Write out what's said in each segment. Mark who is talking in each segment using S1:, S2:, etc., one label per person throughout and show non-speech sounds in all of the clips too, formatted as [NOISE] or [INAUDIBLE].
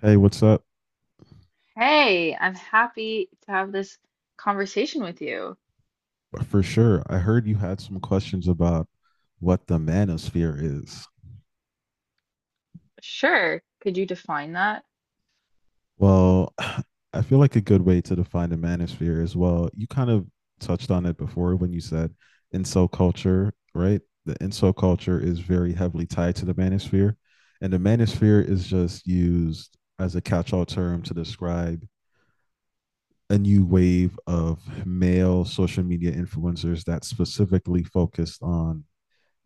S1: Hey, what's up?
S2: Hey, I'm happy to have this conversation with you.
S1: For sure. I heard you had some questions about what the manosphere is.
S2: Sure. Could you define that?
S1: Well, [SIGHS] I feel like a good way to define the manosphere is You kind of touched on it before when you said inso culture, right? The inso culture is very heavily tied to the manosphere. And the manosphere is just used as a catch-all term to describe a new wave of male social media influencers that specifically focused on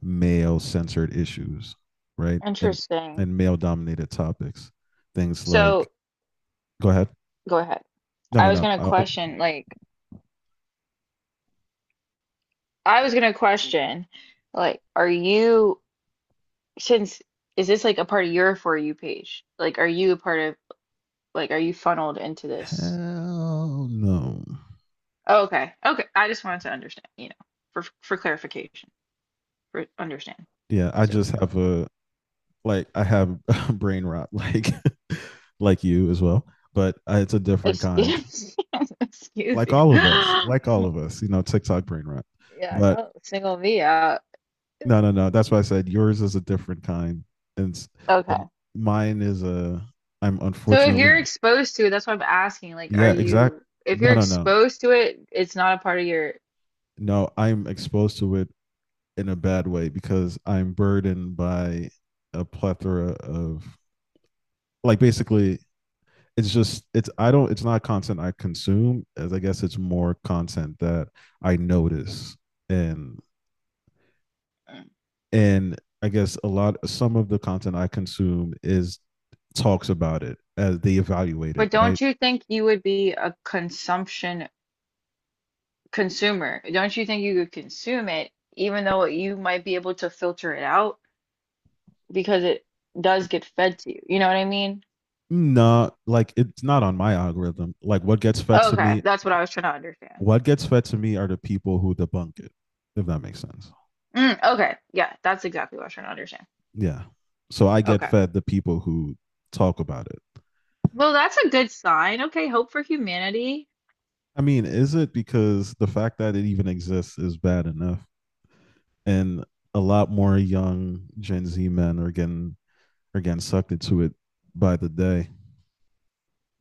S1: male censored issues, right? And
S2: Interesting.
S1: and male dominated topics. Things like
S2: So,
S1: go ahead.
S2: go ahead.
S1: No,
S2: I
S1: no,
S2: was
S1: no.
S2: gonna
S1: Oh,
S2: question, I was gonna question, are you, since, is this like a part of your For You page? Like, are you a part of, like, are you funneled into this?
S1: hell no.
S2: Oh, okay. Okay. I just wanted to understand, for clarification, for understand.
S1: Yeah, I
S2: So,
S1: just have a, like I have [LAUGHS] brain rot like [LAUGHS] like you as well, but it's a different kind.
S2: excuse, [LAUGHS] excuse
S1: Like
S2: you.
S1: all of us, like all of us, TikTok
S2: [GASPS]
S1: brain rot.
S2: Yeah,
S1: But
S2: don't single me out.
S1: no, no, no. That's why I said yours is a different kind, and and
S2: Okay.
S1: mine is a. I'm
S2: So if you're
S1: unfortunately,
S2: exposed to it, that's what I'm asking. Like, are
S1: yeah, exact.
S2: you, if
S1: No,
S2: you're
S1: no, no.
S2: exposed to it, it's not a part of your,
S1: No, I'm exposed to it in a bad way because I'm burdened by a plethora of like basically it's just it's I don't it's not content I consume as I guess it's more content that I notice and and I guess a lot some of the content I consume is talks about it as they evaluate it,
S2: but
S1: right?
S2: don't you think you would be a consumption consumer? Don't you think you could consume it, even though you might be able to filter it out because it does get fed to you? You know what I mean?
S1: No, like it's not on my algorithm. Like what gets fed to
S2: Okay,
S1: me,
S2: that's what I was trying to understand.
S1: what gets fed to me are the people who debunk it, if that makes sense.
S2: Mm, okay, yeah, that's exactly what I was trying to understand.
S1: Yeah. So I get
S2: Okay.
S1: fed the people who talk about it.
S2: Well, that's a good sign. Okay, hope for humanity.
S1: I mean, is it because the fact that it even exists is bad enough, and a lot more young Gen Z men are getting sucked into it by the day.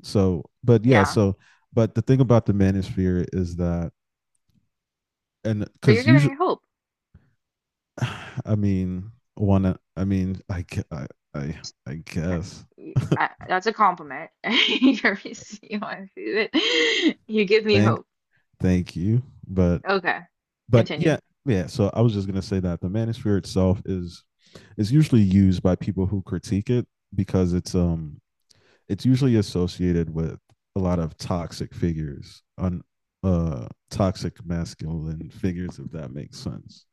S1: So, but yeah,
S2: Yeah.
S1: so but the thing about the manosphere is that and
S2: But you're
S1: cuz
S2: giving
S1: usually
S2: me hope.
S1: [SIGHS] I mean, wanna, I mean, I I, I guess. [LAUGHS]
S2: That's a compliment. [LAUGHS] You want to see it. You give me
S1: thank
S2: hope.
S1: thank you, but
S2: Okay,
S1: but
S2: continue.
S1: yeah, yeah. So I was just gonna say that the manosphere itself is usually used by people who critique it, because it's usually associated with a lot of toxic masculine figures, if that makes sense,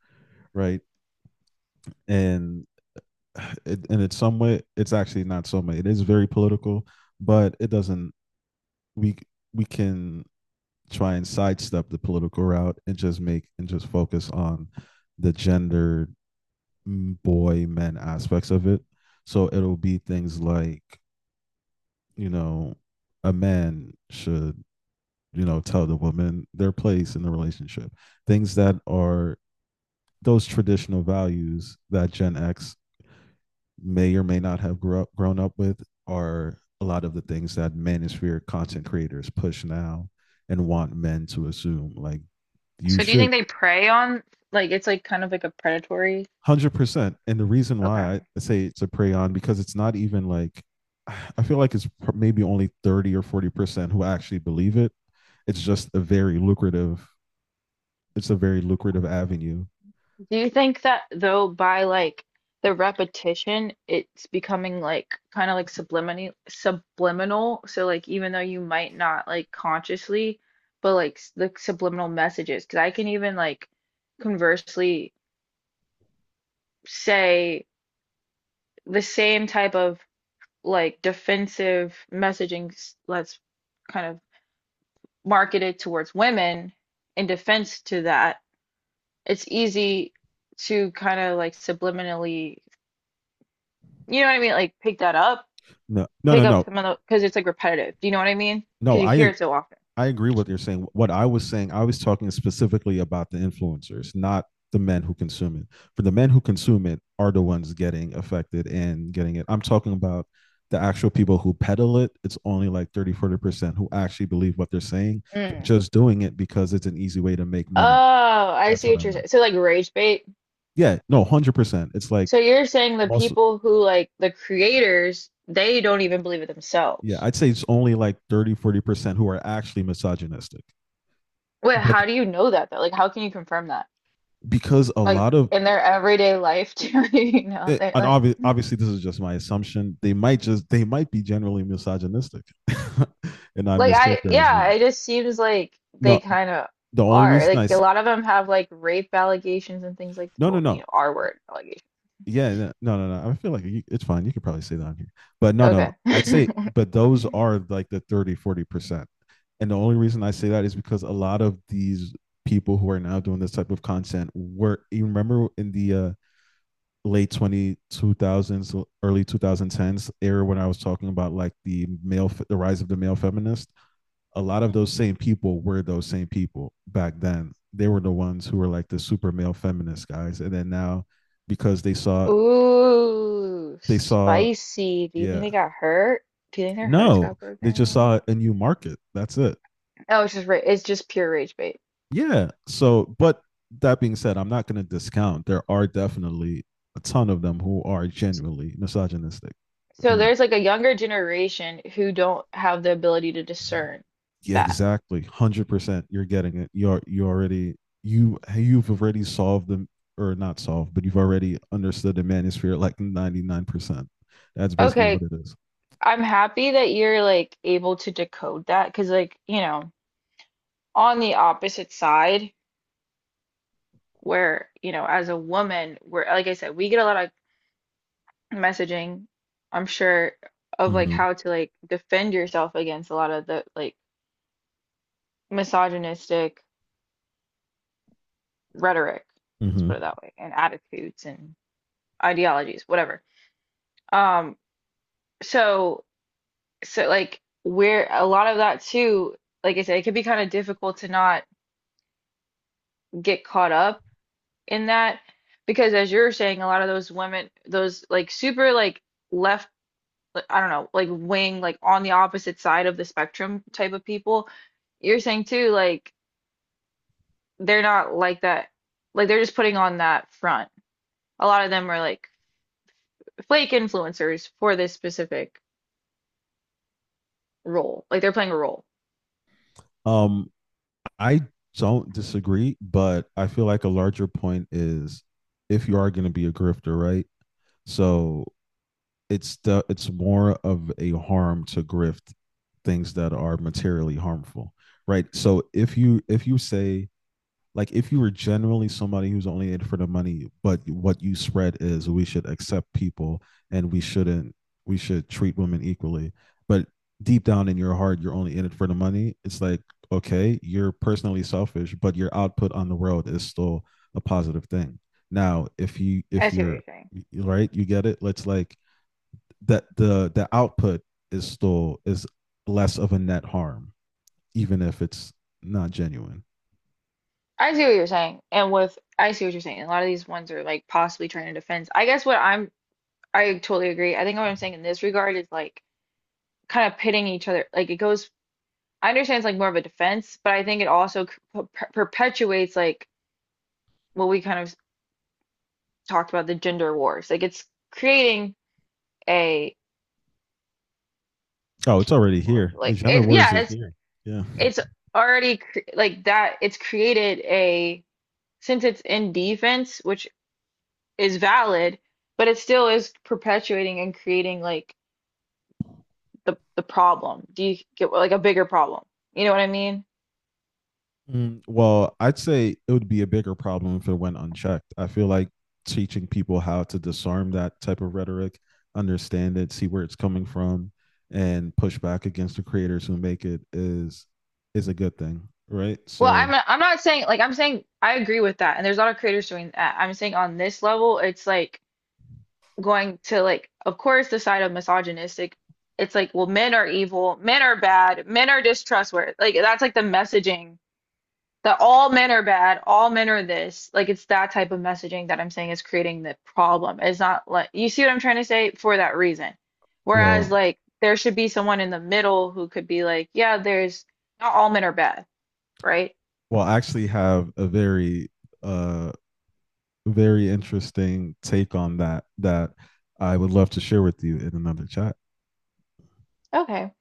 S1: right. And [SIGHS] and it's some way it's actually not so much, it is very political, but it doesn't, we we can try and sidestep the political route, and just focus on the gender boy men aspects of it. So it'll be things like, you know, a man should, you know, tell the woman their place in the relationship. Things that are those traditional values that Gen X may or may not have grown up with are a lot of the things that manosphere content creators push now and want men to assume, like you
S2: So do you think
S1: should.
S2: they prey on, like, it's like kind of like a predatory?
S1: 100%. And the reason why I
S2: Okay.
S1: say it's a prey on because it's not even like [SIGHS] I feel like it's maybe only 30 or 40% who actually believe it. It's just a very lucrative. It's a very lucrative avenue.
S2: Do you think that though, by like the repetition, it's becoming like kind of like subliminal, subliminal. So like even though you might not, like, consciously, but like the subliminal messages. Because I can even like conversely say the same type of like defensive messaging that's kind of marketed towards women in defense to that, it's easy to kind of like subliminally, you know what I mean, like pick that up,
S1: No, no,
S2: pick
S1: no,
S2: up
S1: no,
S2: some of the, because it's like repetitive, do you know what I mean,
S1: no.
S2: because you hear
S1: I
S2: it so often.
S1: I agree with what you're saying. What I was saying, I was talking specifically about the influencers, not the men who consume it. For the men who consume it are the ones getting affected and getting it. I'm talking about the actual people who peddle it. It's only like 30, 40% who actually believe what they're saying. They're
S2: Mm.
S1: just doing it because it's an easy way to make money.
S2: Oh, I
S1: That's
S2: see
S1: what I
S2: what you're
S1: meant.
S2: saying, so like rage bait.
S1: Yeah, no, 100%. It's like,
S2: So you're saying the
S1: most,
S2: people who, like, the creators, they don't even believe it
S1: yeah,
S2: themselves?
S1: I'd say it's only like 30, 40% who are actually misogynistic.
S2: Wait,
S1: But
S2: how do you know that though? Like how can you confirm that,
S1: because a
S2: like
S1: lot of
S2: in their everyday life too? [LAUGHS] You know,
S1: it,
S2: they're
S1: and
S2: like
S1: obviously, this is just my assumption. They might just, they might be generally misogynistic [LAUGHS] and I'm
S2: like I yeah,
S1: mischaracterizing.
S2: it just seems like they
S1: No,
S2: kind of
S1: the only
S2: are.
S1: reason
S2: Like
S1: I.
S2: a lot of them have like rape allegations and things like,
S1: No, no,
S2: well, you
S1: no.
S2: know, R word allegations.
S1: Yeah, no, no, no, no. I feel like you, it's fine, you could probably say that on here, but no, no, no,
S2: Okay.
S1: I'd say, but those are like the 30, 40%. And the only reason I say that is because a lot of these people who are now doing this type of content were, you remember, in the late 20 2000s, early 2010s era when I was talking about like the male the rise of the male feminist. A lot of those same people were, those same people back then, they were the ones who were like the super male feminist guys, and then now because they
S2: [LAUGHS]
S1: saw
S2: Ooh,
S1: they saw
S2: spicy. Do you think
S1: yeah,
S2: they got hurt? Do you think their hearts
S1: no,
S2: got
S1: they just
S2: broken?
S1: saw a new market, that's it.
S2: Oh, it's just ra it's just pure rage bait.
S1: Yeah, so but that being said, I'm not going to discount, there are definitely a ton of them who are genuinely misogynistic
S2: So
S1: who make.
S2: there's like a younger generation who don't have the ability to discern
S1: Yeah,
S2: that.
S1: exactly. 100%. You're getting it. You've already solved them, or not solved, but you've already understood the manosphere like 99%. That's basically what
S2: Okay,
S1: it is.
S2: I'm happy that you're like able to decode that, because like, you know, on the opposite side where, you know, as a woman, we're like I said, we get a lot of messaging, I'm sure, of like
S1: Mm-hmm.
S2: how to like defend yourself against a lot of the like misogynistic rhetoric, let's
S1: Mm-hmm.
S2: put it that way, and attitudes and ideologies, whatever. Um, so so like we're a lot of that too, like I said, it can be kind of difficult to not get caught up in that, because as you're saying, a lot of those women, those like super like left, like, I don't know, like wing, like on the opposite side of the spectrum type of people you're saying too, like they're not like that, like they're just putting on that front, a lot of them are like fake influencers for this specific role, like they're playing a role.
S1: Um, I don't disagree, but I feel like a larger point is, if you are going to be a grifter, right? So it's more of a harm to grift things that are materially harmful, right? So if you say, like, if you were generally somebody who's only in it for the money, but what you spread is we should accept people, and we shouldn't, we should treat women equally, but deep down in your heart you're only in it for the money, it's like, okay, you're personally selfish, but your output on the world is still a positive thing. Now if you
S2: I
S1: if
S2: see what you're
S1: you're
S2: saying.
S1: right, you get it, let's like, that the output is still is less of a net harm, even if it's not genuine.
S2: I see what you're saying, a lot of these ones are like possibly trying to defend, I guess what I'm, I totally agree, I think what I'm saying in this regard is like kind of pitting each other. Like it goes, I understand it's like more of a defense, but I think it also perpetuates like what we kind of talked about, the gender wars. Like it's creating a
S1: Oh, it's already
S2: what's
S1: here.
S2: it
S1: The
S2: like
S1: gender
S2: it,
S1: wars
S2: yeah,
S1: is here. Yeah.
S2: it's already cre like that. It's created a, since it's in defense, which is valid, but it still is perpetuating and creating like the problem. Do you get, like, a bigger problem? You know what I mean?
S1: Well, I'd say it would be a bigger problem if it went unchecked. I feel like teaching people how to disarm that type of rhetoric, understand it, see where it's coming from, and push back against the creators who make it is a good thing, right?
S2: Well,
S1: So,
S2: I'm not saying like, I'm saying I agree with that, and there's a lot of creators doing that. I'm saying on this level, it's like going to, like, of course, the side of misogynistic. It's like, well, men are evil, men are bad, men are distrustworthy. Like that's like the messaging that all men are bad, all men are this. Like it's that type of messaging that I'm saying is creating the problem. It's not, like, you see what I'm trying to say for that reason. Whereas
S1: well,
S2: like there should be someone in the middle who could be like, yeah, there's not all men are bad, right?
S1: I actually have a uh very interesting take on that that I would love to share with you in another chat.
S2: Okay.